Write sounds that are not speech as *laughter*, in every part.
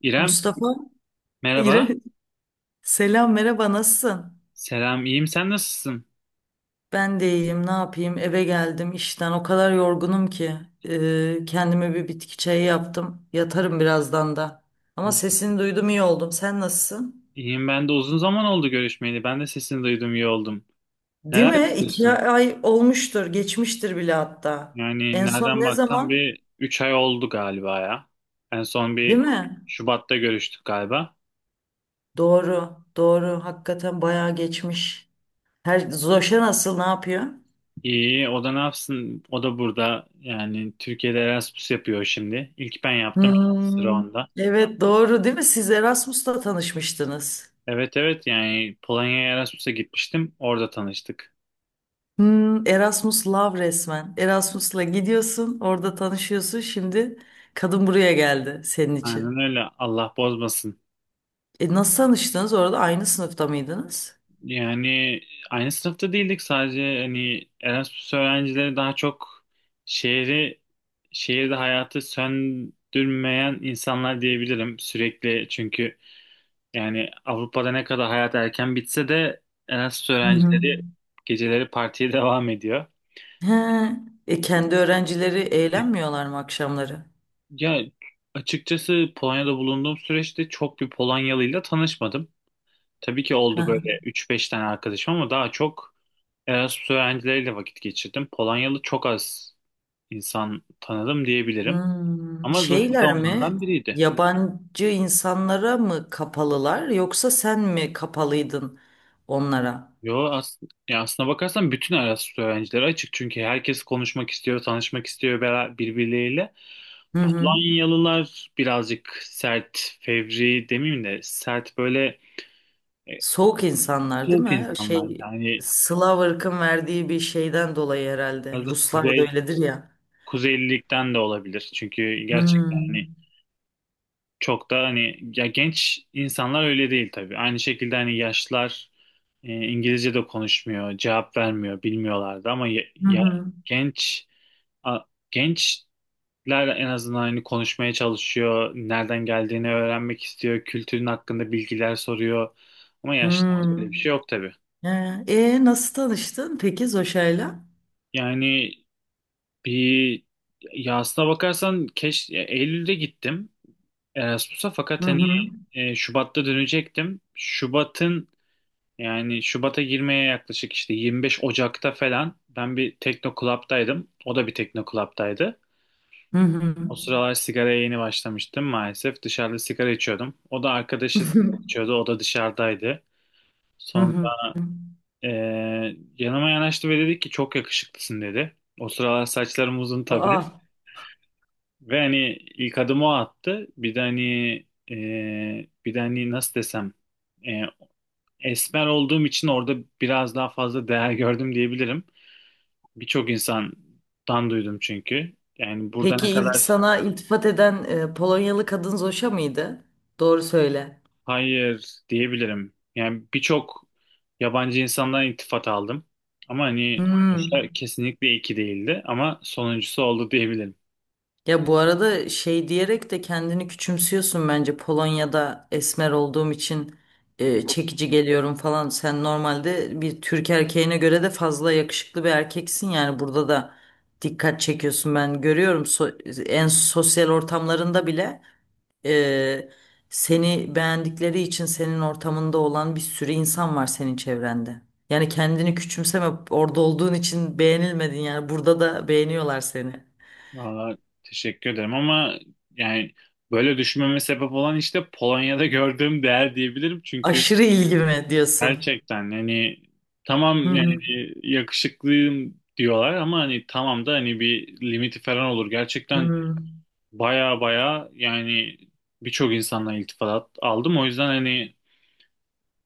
İrem, Mustafa, merhaba. İre- selam merhaba nasılsın? Selam, iyiyim. Sen nasılsın? Ben de iyiyim, ne yapayım? Eve geldim işten, o kadar yorgunum ki. Kendime bir bitki çayı yaptım. Yatarım birazdan da. Hı. Ama sesini duydum iyi oldum. Sen nasılsın? İyiyim, ben de. Uzun zaman oldu görüşmeyeli. Ben de sesini duydum, iyi oldum. Değil Neler mi? İki yapıyorsun? ay olmuştur, geçmiştir bile hatta. Yani En son nereden ne baksam zaman? bir 3 ay oldu galiba ya. En son Değil bir mi? Şubat'ta görüştük galiba. Doğru, doğru. Hakikaten bayağı geçmiş. Her Zoşa nasıl, ne yapıyor? İyi, o da ne yapsın? O da burada. Yani Türkiye'de Erasmus yapıyor şimdi. İlk ben yaptım, şimdi sıra Hmm, onda. evet doğru değil mi? Siz Erasmus'ta tanışmıştınız. Evet, evet, yani Polonya'ya Erasmus'a gitmiştim. Orada tanıştık. Erasmus Love resmen. Erasmus'la gidiyorsun, orada tanışıyorsun. Şimdi kadın buraya geldi senin için. Aynen öyle. Allah bozmasın. E nasıl tanıştınız? Orada aynı sınıfta mıydınız? Yani aynı sınıfta değildik, sadece hani Erasmus öğrencileri daha çok şehri şehirde hayatı söndürmeyen insanlar diyebilirim sürekli, çünkü yani Avrupa'da ne kadar hayat erken bitse de Erasmus Hı hı. öğrencileri geceleri partiye *laughs* devam ediyor. He, e kendi öğrencileri eğlenmiyorlar mı akşamları? Ya, açıkçası Polonya'da bulunduğum süreçte çok bir Polonyalıyla tanışmadım. Tabii ki Hı oldu hı. böyle üç beş tane arkadaşım, ama daha çok Erasmus öğrencileriyle vakit geçirdim. Polonyalı çok az insan tanıdım diyebilirim. Ama Zoş'ta Şeyler mi? onlardan biriydi. Yabancı insanlara mı kapalılar yoksa sen mi kapalıydın onlara? Yo, ya aslına bakarsan bütün Erasmus öğrencileri açık. Çünkü herkes konuşmak istiyor, tanışmak istiyor birbirleriyle. Hı hı. Polonyalılar birazcık sert, fevri demeyeyim de sert, böyle, e, Soğuk insanlar değil soğuk mi? insanlar. Şey Yani Slav ırkın verdiği bir şeyden dolayı herhalde. biraz da Ruslar da öyledir ya. kuzeylilikten de olabilir. Çünkü gerçekten hani Hmm. çok da hani ya genç insanlar öyle değil tabii. Aynı şekilde hani yaşlılar İngilizce de konuşmuyor, cevap vermiyor, bilmiyorlardı ama ya, Hı ya hı. genç a- gençler en azından hani konuşmaya çalışıyor, nereden geldiğini öğrenmek istiyor, kültürün hakkında bilgiler soruyor. Ama yaşlılarda öyle bir Hmm. şey yok tabii. Nasıl tanıştın peki Zoşa'yla? Yani bir, ya aslına bakarsan, ya Eylül'de gittim Erasmus'a fakat Hı hani hı. Şubat'ta dönecektim. Yani Şubat'a girmeye yaklaşık işte 25 Ocak'ta falan ben bir Tekno Club'daydım. O da bir Tekno Club'daydı. Hı hı. O sıralar sigaraya yeni başlamıştım maalesef. Dışarıda sigara içiyordum. O da arkadaşı sigara *laughs* içiyordu. O da dışarıdaydı. Hı Sonra hı. Yanıma yanaştı ve dedi ki çok yakışıklısın dedi. O sıralar saçlarım uzun Aa, tabii. Ve hani ilk adımı o attı. Bir de hani nasıl desem, eee, esmer olduğum için orada biraz daha fazla değer gördüm diyebilirim. Birçok insandan duydum çünkü. Yani burada peki ne ilk kadar sana iltifat eden Polonyalı kadın Zoşa mıydı? Doğru söyle. hayır diyebilirim. Yani birçok yabancı insandan iltifat aldım. Ama hani Hmm. sonuçta kesinlikle iyi ki değildi, ama sonuncusu oldu diyebilirim. Ya bu arada şey diyerek de kendini küçümsüyorsun bence Polonya'da esmer olduğum için çekici geliyorum falan. Sen normalde bir Türk erkeğine göre de fazla yakışıklı bir erkeksin, yani burada da dikkat çekiyorsun, ben görüyorum. En sosyal ortamlarında bile e, seni beğendikleri için senin ortamında olan bir sürü insan var senin çevrende. Yani kendini küçümseme, orada olduğun için beğenilmedin, yani burada da beğeniyorlar seni. Valla teşekkür ederim ama yani böyle düşünmeme sebep olan işte Polonya'da gördüğüm değer diyebilirim. Çünkü Aşırı ilgi diyorsun? gerçekten hani Hı tamam yani hı, yakışıklıyım diyorlar ama hani tamam da hani bir limiti falan olur. hı Gerçekten hı, baya baya yani birçok insanla iltifat aldım. O yüzden hani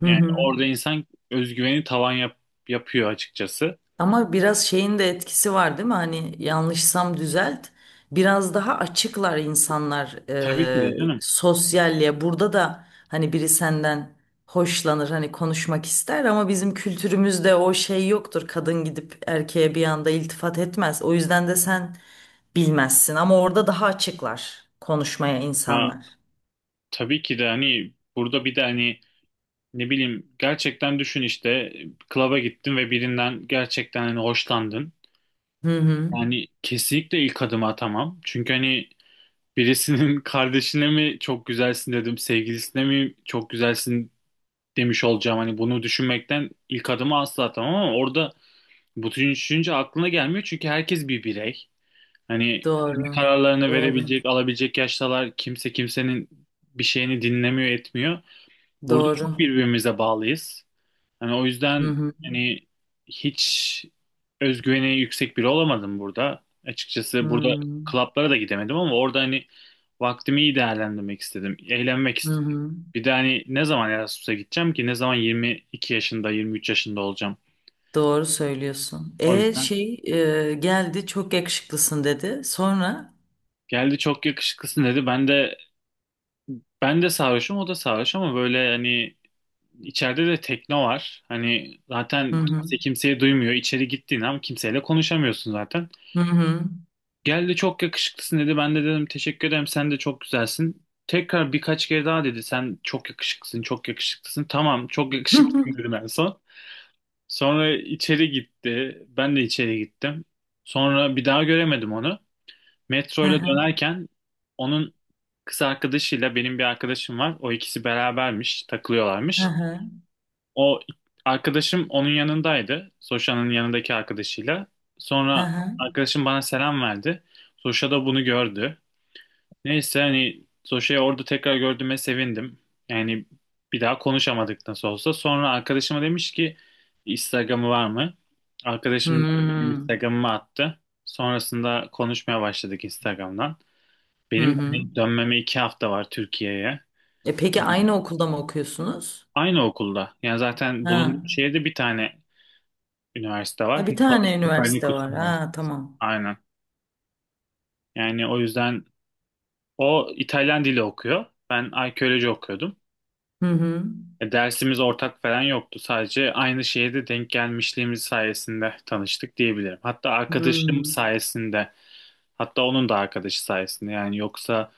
hı yani hı. orada insan özgüveni yapıyor açıkçası. Ama biraz şeyin de etkisi var değil mi? Hani yanlışsam düzelt. Biraz daha açıklar insanlar Tabii ki de canım. sosyalliğe. Burada da hani biri senden hoşlanır, hani konuşmak ister ama bizim kültürümüzde o şey yoktur. Kadın gidip erkeğe bir anda iltifat etmez. O yüzden de sen bilmezsin ama orada daha açıklar konuşmaya Ha, insanlar. tabii ki de hani burada bir de hani ne bileyim, gerçekten düşün işte, klaba gittin ve birinden gerçekten hani hoşlandın. Hı hı. Yani kesinlikle ilk adımı atamam. Çünkü hani birisinin *laughs* kardeşine mi çok güzelsin dedim, sevgilisine mi çok güzelsin demiş olacağım. Hani bunu düşünmekten ilk adımı asla atamam, ama orada bu düşünce aklına gelmiyor çünkü herkes bir birey. Hani kendi Doğru. kararlarını Doğru. verebilecek, alabilecek yaştalar, kimse kimsenin bir şeyini dinlemiyor, etmiyor. Burada çok Doğru. birbirimize bağlıyız. Hani o Hı yüzden hı. hani hiç özgüveni yüksek biri olamadım burada. Açıkçası burada Hı klaplara da gidemedim ama orada hani vaktimi iyi değerlendirmek istedim, eğlenmek hı. istedim. Hı. Bir de hani ne zaman Erasmus'a gideceğim ki? Ne zaman 22 yaşında, 23 yaşında olacağım? Doğru söylüyorsun. O yüzden Şey geldi çok yakışıklısın dedi. Sonra geldi çok yakışıklısın dedi. Ben de sarhoşum, o da sarhoş, ama böyle hani içeride de tekno var. Hani hı zaten hı. kimse kimseyi duymuyor. İçeri gittiğin an kimseyle konuşamıyorsun zaten. Hı hı. Geldi çok yakışıklısın dedi. Ben de dedim teşekkür ederim sen de çok güzelsin. Tekrar birkaç kere daha dedi sen çok yakışıklısın, çok yakışıklısın. Tamam çok yakışıklısın *laughs* dedim en son. Sonra içeri gitti. Ben de içeri gittim. Sonra bir daha göremedim onu. Hı Metroyla hı. dönerken onun kız arkadaşıyla benim bir arkadaşım var. O ikisi berabermiş, Hı takılıyorlarmış. hı. O arkadaşım onun yanındaydı, Soşa'nın yanındaki arkadaşıyla. Hı Sonra hı. arkadaşım bana selam verdi. Soşa da bunu gördü. Neyse hani Soşa'yı orada tekrar gördüğüme sevindim. Yani bir daha konuşamadık nasıl olsa. Sonra arkadaşıma demiş ki Instagram'ı var mı? Arkadaşım da benim Hmm. Instagram'ımı attı. Sonrasında konuşmaya başladık Instagram'dan. Hı Benim hı. Dönmeme 2 hafta var Türkiye'ye. E peki Yani aynı okulda mı okuyorsunuz? aynı okulda. Yani zaten Ha. bulunduğum şehirde bir tane üniversite var. Ha bir Nicolas tane üniversite Copernicus var. Üniversitesi. Ha tamam. Aynen. Yani o yüzden o İtalyan dili okuyor. Ben arkeoloji okuyordum. Hı hı. E, dersimiz ortak falan yoktu. Sadece aynı şehirde denk gelmişliğimiz sayesinde tanıştık diyebilirim. Hatta arkadaşım Hmm. sayesinde. Hatta onun da arkadaşı sayesinde. Yani yoksa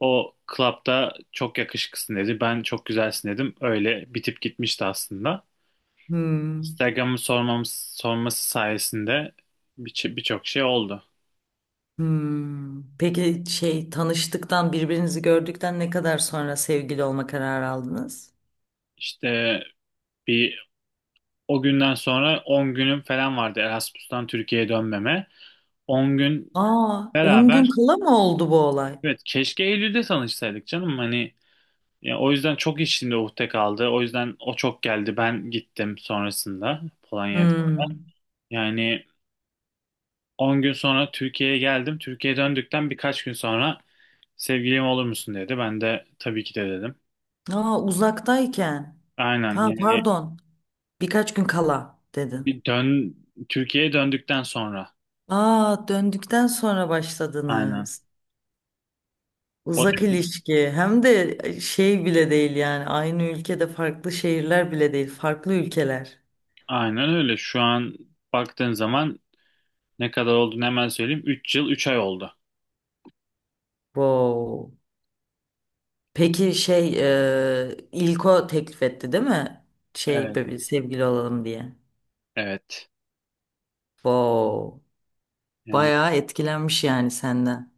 o klapta çok yakışıklısın dedi, ben çok güzelsin dedim, öyle bitip gitmişti aslında. Hmm. Instagram'ı sormamız, sorması sayesinde birçok şey oldu. Hmm. Peki şey tanıştıktan birbirinizi gördükten ne kadar sonra sevgili olma kararı aldınız? İşte bir, o günden sonra 10 günüm falan vardı Erasmus'tan Türkiye'ye dönmeme. 10 gün Aa, 10 gün beraber, kala mı oldu bu olay? evet, keşke Eylül'de tanışsaydık canım, hani ya, o yüzden çok içimde ukde kaldı. O yüzden o çok geldi. Ben gittim sonrasında Polonya'da. Hmm. Yani 10 gün sonra Türkiye'ye geldim. Türkiye'ye döndükten birkaç gün sonra sevgilim olur musun dedi. Ben de tabii ki de dedim. Aa, uzaktayken. Aynen Ha yani. pardon. Birkaç gün kala dedin. Bir dön Türkiye'ye döndükten sonra. Aa, döndükten sonra Aynen. başladınız. O Uzak dedi. ilişki. Hem de şey bile değil yani. Aynı ülkede farklı şehirler bile değil. Farklı ülkeler. Aynen öyle. Şu an baktığın zaman ne kadar olduğunu hemen söyleyeyim. 3 yıl 3 ay oldu. Wow. Peki şey İlko teklif etti değil mi? Şey Evet. böyle sevgili olalım diye. Evet. Wow. Yani, Bayağı etkilenmiş yani senden.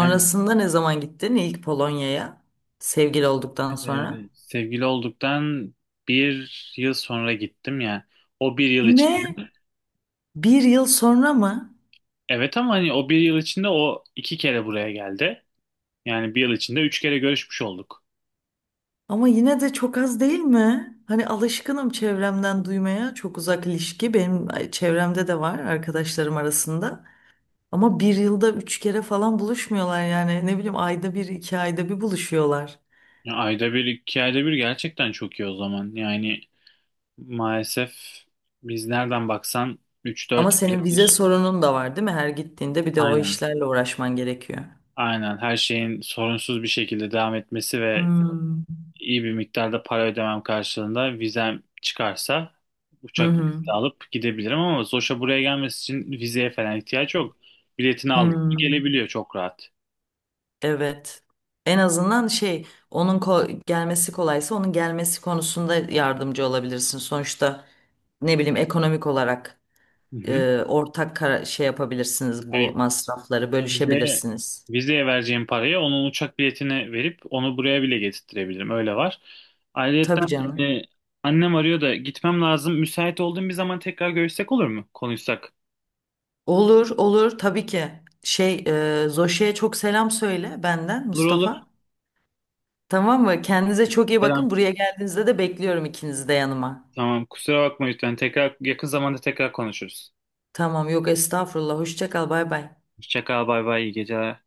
yani, ne zaman gittin ilk Polonya'ya? Sevgili olduktan sonra. Sevgili olduktan bir yıl sonra gittim ya. O bir yıl Ne? içinde. Bir yıl sonra mı? Evet, ama hani o bir yıl içinde o 2 kere buraya geldi. Yani bir yıl içinde 3 kere görüşmüş olduk. Ama yine de çok az değil mi? Hani alışkınım çevremden duymaya. Çok uzak ilişki benim çevremde de var, arkadaşlarım arasında. Ama bir yılda 3 kere falan buluşmuyorlar yani. Ne bileyim ayda bir, 2 ayda bir buluşuyorlar. Ya ayda bir, 2 ayda bir gerçekten çok iyi o zaman. Yani maalesef biz nereden baksan üç Ama dört senin aylık vize sorunun da var değil mi? Her gittiğinde bir de o Aynen, işlerle uğraşman gerekiyor. aynen, her şeyin sorunsuz bir şekilde devam etmesi ve Hmm. iyi bir miktarda para ödemem karşılığında vizem çıkarsa Hı uçak hı. bileti alıp gidebilirim, ama Zoş'a buraya gelmesi için vizeye falan ihtiyaç yok. Biletini aldık mı Hmm. gelebiliyor çok rahat. Evet. En azından şey onun gelmesi kolaysa onun gelmesi konusunda yardımcı olabilirsin. Sonuçta ne bileyim ekonomik olarak Hı hı. Ortak şey yapabilirsiniz, bu Yani masrafları Vizeye, bölüşebilirsiniz. vizeye vereceğim paraya onun uçak biletini verip onu buraya bile getirttirebilirim. Öyle var. Tabii Ayrıyeten, canım. e, annem arıyor da gitmem lazım. Müsait olduğum bir zaman tekrar görüşsek olur mu? Konuşsak. Olur olur tabii ki. Şey Zoşe'ye çok selam söyle benden Olur, olur. Mustafa. Tamam mı? Kendinize çok iyi Selam. bakın. Buraya geldiğinizde de bekliyorum ikinizi de yanıma. Tamam, kusura bakma lütfen. Tekrar yakın zamanda tekrar konuşuruz. Tamam, yok estağfurullah. Hoşça kal, bay bay. Hoşça kal, bay bay, iyi geceler.